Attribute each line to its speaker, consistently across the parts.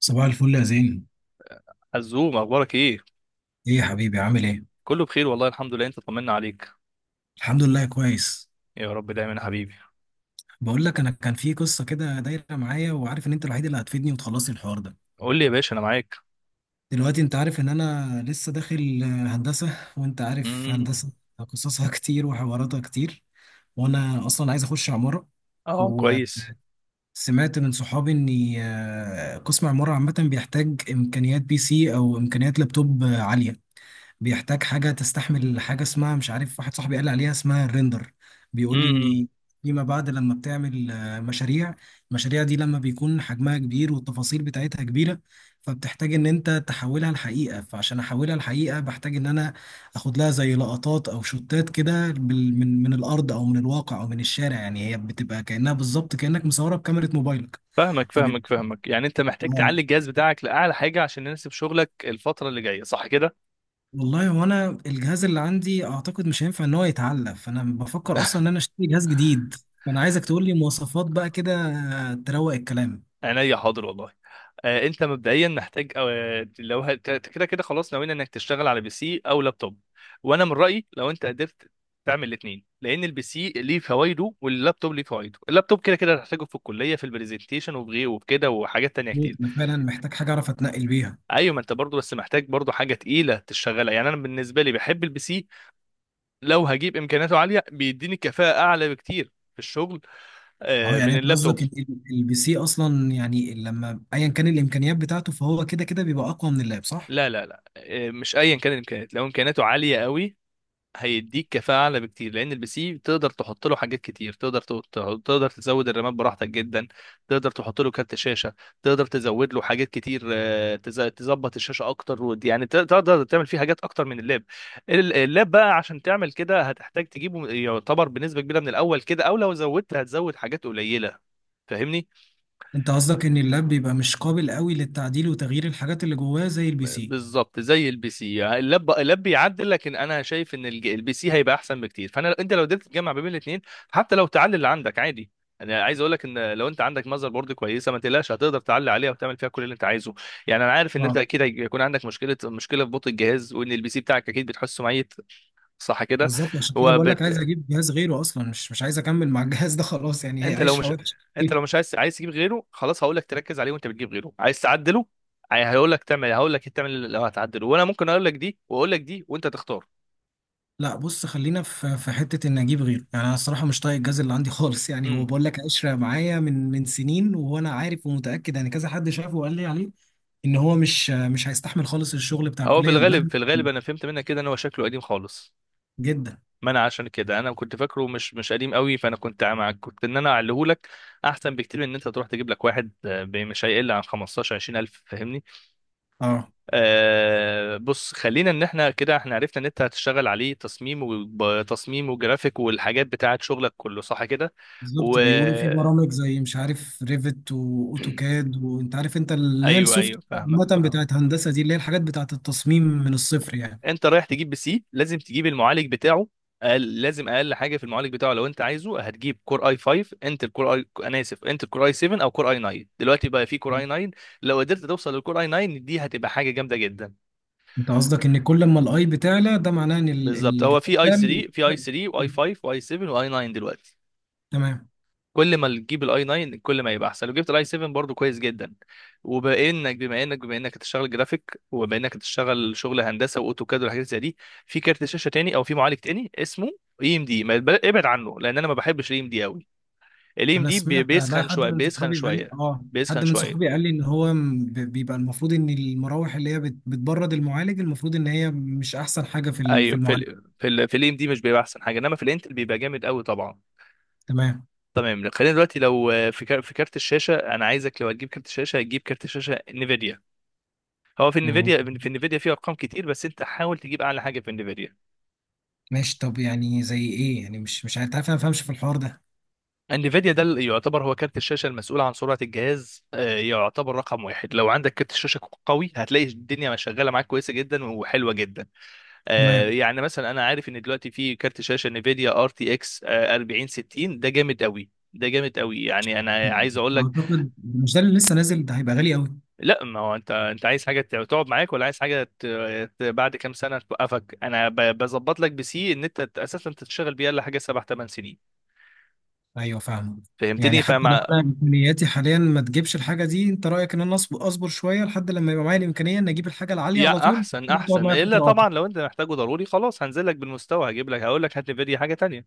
Speaker 1: صباح الفل يا زين.
Speaker 2: عزوم، اخبارك ايه؟
Speaker 1: ايه يا حبيبي عامل ايه؟
Speaker 2: كله بخير والله، الحمد لله. انت طمنا عليك.
Speaker 1: الحمد لله كويس.
Speaker 2: يا رب دايما يا حبيبي.
Speaker 1: بقول لك انا كان في قصه كده دايره معايا، وعارف ان انت الوحيد اللي هتفيدني وتخلصي الحوار ده.
Speaker 2: قول لي يا باشا، انا معاك.
Speaker 1: دلوقتي انت عارف ان انا لسه داخل هندسه، وانت عارف هندسه
Speaker 2: امم.
Speaker 1: قصصها كتير وحواراتها كتير. وانا اصلا عايز اخش عماره.
Speaker 2: اه كويس.
Speaker 1: وسمعت من صحابي ان قسم عماره عامه بيحتاج امكانيات بي سي او امكانيات لابتوب عاليه. بيحتاج حاجة تستحمل، حاجة اسمها مش عارف، واحد صاحبي قال لي عليها اسمها الريندر. بيقول لي
Speaker 2: امم.
Speaker 1: ان فيما بعد لما بتعمل مشاريع، المشاريع دي لما بيكون حجمها كبير والتفاصيل بتاعتها كبيرة، فبتحتاج ان انت تحولها لحقيقة. فعشان احولها لحقيقة بحتاج ان انا اخد لها زي لقطات او شوتات كده من الارض او من الواقع او من الشارع، يعني هي بتبقى كأنها بالظبط كأنك مصورها بكاميرا موبايلك.
Speaker 2: فاهمك
Speaker 1: فبيبقى.
Speaker 2: فاهمك فاهمك، يعني انت محتاج
Speaker 1: آه.
Speaker 2: تعلي الجهاز بتاعك لاعلى حاجه عشان يناسب شغلك الفتره اللي جايه، صح كده؟
Speaker 1: والله هو انا الجهاز اللي عندي اعتقد مش هينفع ان هو يتعلق، فانا بفكر اصلا ان انا اشتري جهاز جديد. فانا عايزك تقول لي مواصفات بقى كده، تروق الكلام.
Speaker 2: عينيا، حاضر والله. انت مبدئيا محتاج، لو كده كده خلاص، ناويين انك تشتغل على بي سي او لابتوب. وانا من رايي لو انت قدرت تعمل الاثنين، لان البي سي ليه فوائده واللابتوب ليه فوائده. اللابتوب كده كده هتحتاجه في الكليه، في البرزنتيشن وفي غيره وفي كده، وحاجات تانية كتير.
Speaker 1: انا فعلا محتاج حاجه اعرف اتنقل بيها.
Speaker 2: ايوه، ما انت برضو بس محتاج برضو حاجه تقيله تشتغلها. يعني انا بالنسبه لي بحب البي سي، لو هجيب امكانياته عاليه بيديني كفاءه اعلى بكتير في الشغل
Speaker 1: اه، يعني
Speaker 2: من
Speaker 1: انت
Speaker 2: اللابتوب.
Speaker 1: قصدك البي سي اصلا، يعني لما ايا كان الامكانيات بتاعته، فهو كده كده بيبقى اقوى من اللاب، صح؟
Speaker 2: لا لا لا، مش ايا كان الامكانيات. لو امكانياته عاليه قوي هيديك كفاءة أعلى بكتير، لأن البي سي تقدر تحط له حاجات كتير. تقدر تقدر تزود الرامات براحتك جدا، تقدر تحط له كارت شاشة، تقدر تزود له حاجات كتير. تظبط الشاشة أكتر، يعني تقدر تعمل فيه حاجات أكتر من اللاب. اللاب بقى عشان تعمل كده هتحتاج تجيبه يعتبر بنسبة كبيرة من الأول كده، أو لو زودت هتزود حاجات قليلة. فاهمني؟
Speaker 1: انت قصدك ان اللاب بيبقى مش قابل قوي للتعديل وتغيير الحاجات اللي جواه زي البي سي.
Speaker 2: بالظبط زي البي سي. اللاب بيعدل، لكن انا شايف ان البي سي هيبقى احسن بكتير. فانا انت لو قدرت تجمع ما بين الاثنين، حتى لو تعلي اللي عندك عادي. انا عايز اقول لك ان لو انت عندك ماذر بورد كويسه، ما تقلقش، هتقدر تعلي عليها وتعمل فيها كل اللي انت عايزه. يعني انا عارف ان انت
Speaker 1: اه،
Speaker 2: اكيد هيكون عندك مشكله في بطء الجهاز، وان البي سي بتاعك اكيد بتحسه ميت، صح كده؟
Speaker 1: بالظبط، عشان كده بقول لك عايز
Speaker 2: وبت...
Speaker 1: اجيب جهاز غيره اصلا، مش عايز اكمل مع الجهاز ده خلاص، يعني هي
Speaker 2: انت لو
Speaker 1: عشره
Speaker 2: مش
Speaker 1: وحشه.
Speaker 2: انت لو مش عايز تجيب غيره، خلاص هقول لك تركز عليه. وانت بتجيب غيره، عايز تعدله، هقول لك تعمل لو هتعدله، وانا ممكن اقول لك دي واقول لك دي وانت تختار.
Speaker 1: لا، بص، خلينا في حته ان اجيب غيره. يعني انا الصراحه مش طايق الجاز اللي عندي خالص، يعني هو
Speaker 2: امم.
Speaker 1: بقول لك قشره معايا من سنين، وانا عارف ومتاكد، يعني كذا حد شافه وقال لي عليه ان هو مش هيستحمل خالص الشغل بتاع
Speaker 2: هو في
Speaker 1: الكليه
Speaker 2: الغالب،
Speaker 1: مهما كان.
Speaker 2: انا فهمت منك كده ان هو شكله قديم خالص.
Speaker 1: جدا.
Speaker 2: ما انا عشان كده، انا كنت فاكره مش قديم قوي، فانا كنت معاك، كنت انا اعليه لك، احسن بكتير من ان انت تروح تجيب لك واحد، مش هيقل عن 15 20 الف. فاهمني؟
Speaker 1: اه،
Speaker 2: بص، خلينا ان احنا كده احنا عرفنا ان انت هتشتغل عليه تصميم، وتصميم وجرافيك والحاجات بتاعه شغلك كله، صح كده؟ و
Speaker 1: بالظبط، بيقولوا في برامج زي مش عارف ريفت واوتوكاد، وانت عارف انت اللي هي
Speaker 2: ايوه
Speaker 1: السوفت
Speaker 2: ايوه، فاهمك
Speaker 1: عامه
Speaker 2: فاهمك.
Speaker 1: بتاعت هندسه دي، اللي هي الحاجات بتاعت التصميم من الصفر يعني.
Speaker 2: انت رايح تجيب بي سي لازم تجيب المعالج بتاعه. أقل لازم اقل حاجه في المعالج بتاعه لو انت عايزه، هتجيب كور اي 5. انتل كور اي انا اسف، انتل كور اي 7 او كور اي 9. دلوقتي بقى في كور اي 9، لو قدرت توصل للكور اي 9 دي هتبقى حاجه جامده جدا.
Speaker 1: انت قصدك ان كل ما الاي بتعلى، ده معناه ان
Speaker 2: بالظبط، هو
Speaker 1: الجهاز
Speaker 2: في اي
Speaker 1: ده.
Speaker 2: 3 في اي 3 واي 5 واي 7 واي 9 دلوقتي.
Speaker 1: تمام.
Speaker 2: كل ما تجيب الاي 9 كل ما يبقى احسن، لو جبت الاي 7 برضو كويس جدا. وبانك بما انك بما انك هتشتغل جرافيك، وبما انك هتشتغل شغل هندسه واوتوكاد والحاجات زي دي، في كارت شاشه تاني او في معالج تاني اسمه اي ام دي، ما يتبل- ابعد عنه لان انا ما بحبش الاي ام دي قوي. الاي ام
Speaker 1: انا
Speaker 2: دي
Speaker 1: سمعت بقى
Speaker 2: بيسخن
Speaker 1: حد
Speaker 2: شويه،
Speaker 1: من
Speaker 2: بيسخن
Speaker 1: صحابي قال،
Speaker 2: شويه،
Speaker 1: اه،
Speaker 2: بيسخن
Speaker 1: حد من صحابي
Speaker 2: شويه.
Speaker 1: قال لي ان هو بيبقى المفروض ان المراوح اللي هي بتبرد المعالج، المفروض ان هي مش احسن حاجه في في
Speaker 2: ايوه،
Speaker 1: المعالج.
Speaker 2: في الاي ام دي مش بيبقى احسن حاجه، انما في الانتل بيبقى جامد قوي طبعا.
Speaker 1: تمام.
Speaker 2: تمام، خلينا دلوقتي. لو في كارت الشاشه، انا عايزك لو هتجيب كارت الشاشه هتجيب كارت شاشه نيفيديا. هو في
Speaker 1: مم.
Speaker 2: انفيديا، فيه ارقام كتير، بس انت حاول تجيب اعلى حاجه في انفيديا.
Speaker 1: ماشي، طب يعني زي ايه؟ يعني مش عارف، عارف انا ما فاهمش في الحوار ده.
Speaker 2: انفيديا ده اللي يعتبر هو كارت الشاشه المسؤول عن سرعه الجهاز، يعتبر رقم واحد. لو عندك كارت الشاشه قوي هتلاقي الدنيا شغاله معاك كويسه جدا وحلوه جدا.
Speaker 1: تمام.
Speaker 2: يعني مثلا انا عارف ان دلوقتي في كارت شاشه انفيديا ار تي اكس 4060، ده جامد قوي، ده جامد قوي، يعني انا عايز اقول لك.
Speaker 1: اعتقد مش ده اللي لسه نازل، ده هيبقى غالي قوي.
Speaker 2: لا ما هو انت، عايز حاجه تقعد معاك، ولا عايز حاجه ت... بعد كام سنه توقفك؟ انا ب... بظبط لك بسي ان انت اساسا تشتغل بيها لحاجه 7 8 سنين.
Speaker 1: ايوه فاهمه. يعني
Speaker 2: فهمتني؟
Speaker 1: حتى لو انا امكانياتي حاليا ما تجيبش الحاجه دي، انت رايك ان انا اصبر شويه لحد لما يبقى معايا الامكانيه ان اجيب الحاجه العاليه
Speaker 2: يا
Speaker 1: على طول؟
Speaker 2: احسن
Speaker 1: تقعد
Speaker 2: احسن.
Speaker 1: معايا
Speaker 2: الا
Speaker 1: فتره اطول.
Speaker 2: طبعا لو انت محتاجه ضروري، خلاص هنزل لك بالمستوى، هجيب لك هقول لك هات نفيديا حاجه تانية.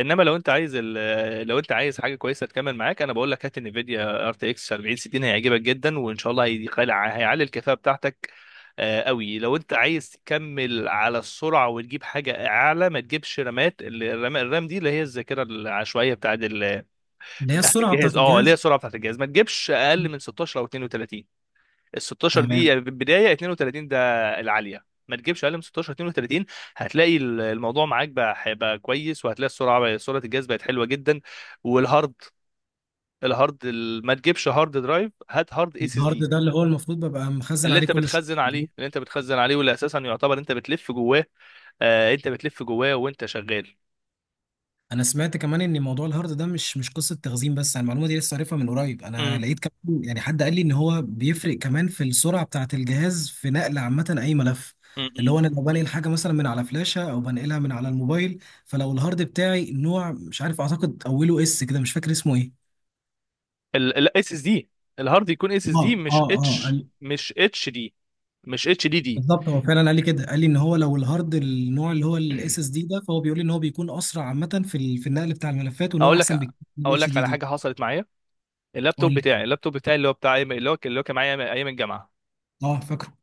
Speaker 2: انما لو انت عايز ال... لو انت عايز حاجه كويسه تكمل معاك، انا بقول لك هات نفيديا ار تي اكس 4060، هيعجبك جدا، وان شاء الله هيعلي الكفاءه بتاعتك قوي. لو انت عايز تكمل على السرعه وتجيب حاجه اعلى، ما تجيبش رامات. الرام دي اللي هي الذاكره العشوائيه بتاعت ال...
Speaker 1: اللي هي
Speaker 2: بتاعت
Speaker 1: السرعه
Speaker 2: الجهاز،
Speaker 1: بتاعت
Speaker 2: اللي هي
Speaker 1: الجهاز.
Speaker 2: السرعه بتاعت الجهاز، ما تجيبش اقل من 16 او 32. ال 16 دي
Speaker 1: تمام.
Speaker 2: يعني بدايه، 32 ده العاليه. ما تجيبش اقل من 16 32، هتلاقي الموضوع معاك بقى هيبقى كويس، وهتلاقي السرعه بقى، سرعه الجهاز بقت حلوه جدا. والهارد، ما تجيبش هارد درايف، هات هارد اس اس
Speaker 1: الهارد
Speaker 2: دي.
Speaker 1: ده اللي هو المفروض ببقى مخزن عليه كل شيء.
Speaker 2: اللي انت بتخزن عليه، واللي اساسا يعتبر انت بتلف جواه. انت بتلف جواه وانت شغال.
Speaker 1: انا سمعت كمان ان موضوع الهارد ده مش قصه تخزين بس، انا المعلومه دي لسه عارفها من قريب. انا
Speaker 2: امم.
Speaker 1: لقيت كمان يعني حد قال لي ان هو بيفرق كمان في السرعه بتاعه الجهاز في نقل عامه اي ملف، اللي هو انا لو بنقل حاجه مثلا من على فلاشه او بنقلها من على الموبايل. فلو الهارد بتاعي نوع مش عارف، اعتقد اوله اس كده، مش فاكر اسمه ايه.
Speaker 2: الاس اس دي، الهارد يكون اس اس دي،
Speaker 1: اه، اه، اه.
Speaker 2: مش اتش دي، مش اتش دي دي.
Speaker 1: بالظبط، هو فعلا قال لي كده، قال لي ان هو لو الهارد النوع اللي هو الاس اس دي ده، فهو بيقول لي ان هو بيكون اسرع عامه في في النقل بتاع الملفات، وان هو
Speaker 2: اقول لك
Speaker 1: احسن بكتير من
Speaker 2: اقول
Speaker 1: الاتش
Speaker 2: لك
Speaker 1: دي
Speaker 2: على
Speaker 1: دي.
Speaker 2: حاجه حصلت معايا.
Speaker 1: قول لي.
Speaker 2: اللابتوب بتاعي اللي هو اللي هو كان معايا ايام الجامعه.
Speaker 1: اه فاكره.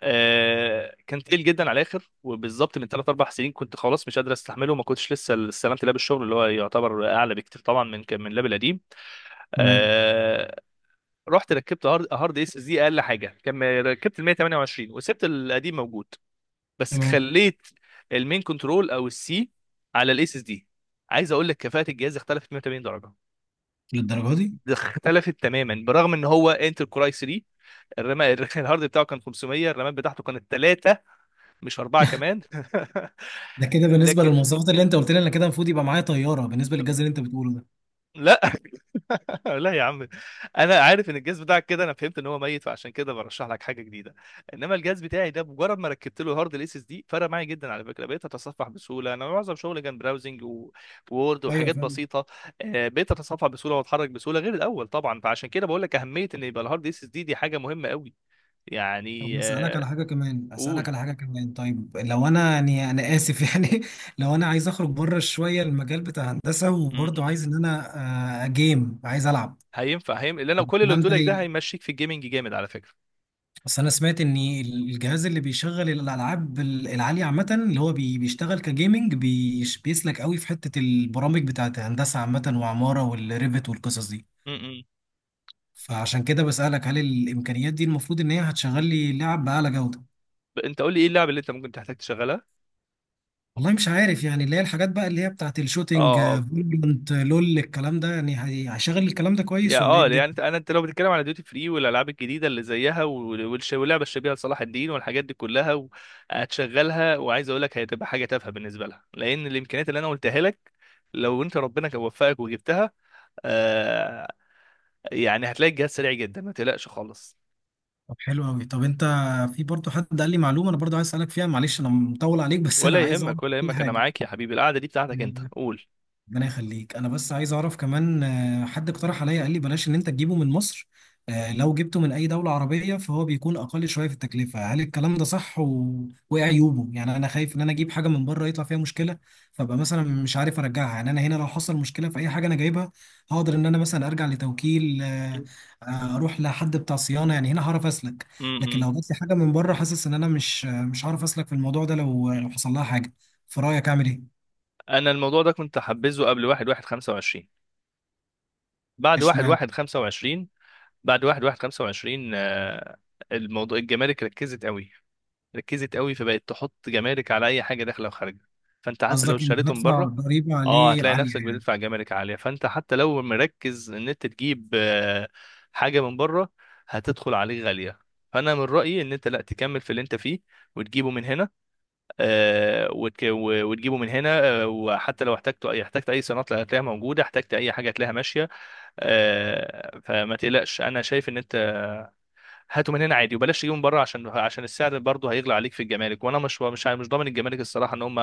Speaker 2: كان تقيل جدا على الاخر، وبالظبط من 3 4 سنين كنت خلاص مش قادر استحمله، وما كنتش لسه استلمت لاب الشغل اللي هو يعتبر اعلى بكتير طبعا من اللاب القديم.
Speaker 1: تمام.
Speaker 2: آه رحت ركبت هارد، اس اس دي، اقل حاجه كان ركبت ال 128، وسبت القديم موجود، بس
Speaker 1: تمام،
Speaker 2: خليت المين كنترول او السي على الاس اس دي. عايز اقول لك كفاءه الجهاز اختلفت 180 درجه،
Speaker 1: للدرجه دي؟
Speaker 2: اختلفت تماما، برغم ان هو انتل كوراي 3، الرام الهارد بتاعه كان 500، الرامات بتاعته كانت 3، مش 4 كمان
Speaker 1: ده كده بالنسبه
Speaker 2: لكن
Speaker 1: للمواصفات اللي انت قلت لي، انا كده المفروض يبقى معايا طياره بالنسبه للجهاز اللي انت بتقوله ده.
Speaker 2: لا، لا يا عم، انا عارف ان الجهاز بتاعك كده، انا فهمت ان هو ميت، فعشان كده برشح لك حاجه جديده. انما الجهاز بتاعي ده مجرد ما ركبت له هارد الاس اس دي فرق معايا جدا، على فكره بقيت اتصفح بسهوله، انا معظم شغلي كان براوزنج ووورد
Speaker 1: ايوه
Speaker 2: وحاجات
Speaker 1: فاهم.
Speaker 2: بسيطه. بقيت اتصفح بسهوله واتحرك بسهوله غير الاول طبعا. فعشان كده بقول لك اهميه ان يبقى الهارد اس اس دي دي حاجه مهمه قوي، يعني.
Speaker 1: طب اسالك
Speaker 2: قول.
Speaker 1: على حاجه كمان، طيب لو انا، يعني انا اسف يعني، لو انا عايز اخرج بره شويه المجال بتاع هندسه، وبرضه عايز ان انا جيم، عايز العب
Speaker 2: هينفع، اللي انا كل اللي
Speaker 1: الكلام
Speaker 2: قلته
Speaker 1: ده.
Speaker 2: لك ده هيمشيك في الجيمنج جامد على فكره.
Speaker 1: بس انا سمعت ان الجهاز اللي بيشغل الالعاب العاليه عامه، اللي هو بيشتغل كجيمنج، بيسلك قوي في حته البرامج بتاعت هندسه عامه وعماره والريفت والقصص دي.
Speaker 2: امم.
Speaker 1: فعشان كده بسالك، هل الامكانيات دي المفروض ان هي هتشغل لي لعب باعلى جوده؟
Speaker 2: انت قول لي ايه اللعبه اللي انت ممكن تحتاج تشغلها؟
Speaker 1: والله مش عارف يعني، اللي هي الحاجات بقى اللي هي بتاعت
Speaker 2: اه
Speaker 1: الشوتينج،
Speaker 2: اه،
Speaker 1: فالورانت، لول، الكلام ده يعني هيشغل الكلام ده
Speaker 2: يا
Speaker 1: كويس ولا ايه
Speaker 2: اه
Speaker 1: الدنيا؟
Speaker 2: يعني انت لو بتتكلم على ديوتي فري والالعاب الجديده اللي زيها واللعبه الشبيهه لصلاح الدين والحاجات دي كلها، هتشغلها، وعايز اقول لك هتبقى حاجه تافهه بالنسبه لها، لان الامكانيات اللي انا قلتها لك لو انت ربنا كان وفقك وجبتها، آه يعني هتلاقي الجهاز سريع جدا، ما تقلقش خالص.
Speaker 1: طب حلو قوي. طب انت، في برضه حد قال لي معلومه، انا برضه عايز اسالك فيها. معلش انا مطول عليك، بس انا
Speaker 2: ولا
Speaker 1: عايز اعرف
Speaker 2: يهمك، ولا
Speaker 1: كل
Speaker 2: يهمك، انا
Speaker 1: حاجه.
Speaker 2: معاك يا حبيبي، القعده دي بتاعتك انت، قول.
Speaker 1: ربنا يخليك. انا بس عايز اعرف كمان، حد اقترح عليا قال لي بلاش ان انت تجيبه من مصر، لو جبته من اي دولة عربية فهو بيكون اقل شوية في التكلفة. هل الكلام ده صح؟ وايه عيوبه؟ يعني انا خايف ان انا اجيب حاجة من بره يطلع فيها مشكلة، فابقى مثلا مش عارف ارجعها. يعني انا هنا لو حصل مشكلة في اي حاجة انا جايبها، هقدر ان انا مثلا ارجع لتوكيل، اروح لحد بتاع صيانة، يعني هنا هعرف اسلك. لكن
Speaker 2: امم.
Speaker 1: لو جبت لي حاجة من بره، حاسس ان انا مش مش هعرف اسلك في الموضوع ده لو حصل لها حاجة. في رأيك اعمل ايه؟
Speaker 2: انا الموضوع ده كنت حبذه قبل 1 1 25. بعد
Speaker 1: اشمعنى؟
Speaker 2: 1 1 25 بعد 1 1 25، الموضوع الجمارك ركزت قوي، ركزت قوي، فبقت تحط جمارك على اي حاجه داخله وخارجه. فانت حتى لو
Speaker 1: قصدك إن
Speaker 2: اشتريتهم
Speaker 1: هدفع
Speaker 2: بره،
Speaker 1: ضريبة
Speaker 2: اه
Speaker 1: عليه
Speaker 2: هتلاقي
Speaker 1: عالية
Speaker 2: نفسك
Speaker 1: يعني؟
Speaker 2: بتدفع جمارك عاليه. فانت حتى لو مركز ان انت تجيب حاجه من بره، هتدخل عليك غاليه. فانا من رايي ان انت لا تكمل في اللي انت فيه وتجيبه من هنا. وحتى لو احتجت اي صيانات هتلاقيها موجوده، احتجت اي حاجه هتلاقيها ماشيه. فما تقلقش، انا شايف ان انت هاته من هنا عادي، وبلاش تجيبه من بره، عشان السعر برضه هيغلى عليك في الجمارك. وانا مش ضامن الجمارك الصراحه ان هم،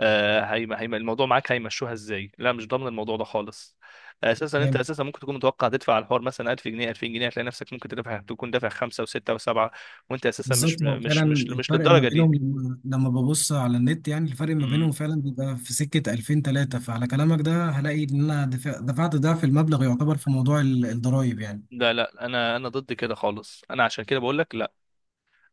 Speaker 2: الموضوع معاك هيمشوها ازاي، لا مش ضامن الموضوع ده خالص.
Speaker 1: فاهم.
Speaker 2: اساسا ممكن تكون متوقع تدفع على الحوار مثلا 1000 جنيه 2000 جنيه، هتلاقي نفسك ممكن تدفع، تكون دافع خمسه وسته وسبعه، وانت اساسا
Speaker 1: بالظبط، هو فعلا
Speaker 2: مش
Speaker 1: الفرق ما
Speaker 2: للدرجه دي.
Speaker 1: بينهم، لما ببص على النت يعني، الفرق ما بينهم فعلا بيبقى في سكة 2000 3، فعلى كلامك ده هلاقي إن أنا دفعت ضعف المبلغ يعتبر في موضوع الضرايب يعني.
Speaker 2: لا لا، انا ضد كده خالص، انا عشان كده بقول لك لا.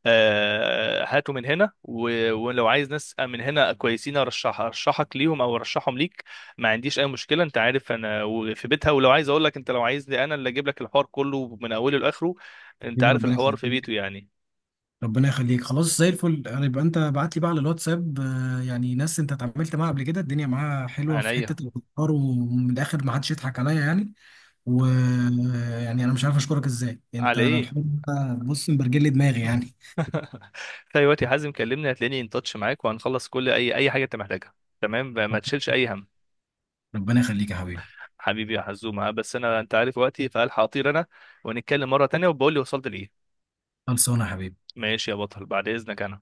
Speaker 2: هاتوا من هنا، ولو عايز ناس من هنا كويسين ارشح، ارشحك ليهم، او ارشحهم ليك، ما عنديش اي مشكله. انت عارف انا، في بيتها، ولو عايز اقول لك انت لو عايزني انا اللي اجيب لك الحوار كله من اوله لاخره. انت
Speaker 1: حبيبي
Speaker 2: عارف
Speaker 1: ربنا
Speaker 2: الحوار في بيته
Speaker 1: يخليك.
Speaker 2: يعني.
Speaker 1: ربنا يخليك، خلاص زي الفل، يبقى أنت بعت لي بقى على الواتساب، يعني ناس أنت اتعاملت معاها قبل كده، الدنيا معاها حلوة في
Speaker 2: عينيا.
Speaker 1: حتة الأفكار، ومن الآخر ما حدش يضحك عليا يعني. ويعني انا مش عارف اشكرك ازاي، انت
Speaker 2: على
Speaker 1: انا
Speaker 2: ايه؟
Speaker 1: الحمد لله بص مبرجل لي دماغي يعني.
Speaker 2: في اي وقت يا حازم كلمني، هتلاقيني ان تاتش معاك، وهنخلص كل اي حاجه انت محتاجها. تمام، ما
Speaker 1: رب-
Speaker 2: تشيلش اي هم.
Speaker 1: ربنا يخليك يا حبيبي.
Speaker 2: حبيبي يا حزومة، بس أنت عارف وقتي، فألحق أطير أنا، ونتكلم مرة تانية وبقول لي وصلت لإيه.
Speaker 1: خلصانه يا حبيبي.
Speaker 2: ماشي يا بطل، بعد إذنك أنا.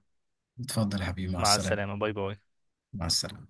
Speaker 1: اتفضل يا حبيبي، مع
Speaker 2: مع
Speaker 1: السلامه.
Speaker 2: السلامة، باي باي.
Speaker 1: مع السلامه.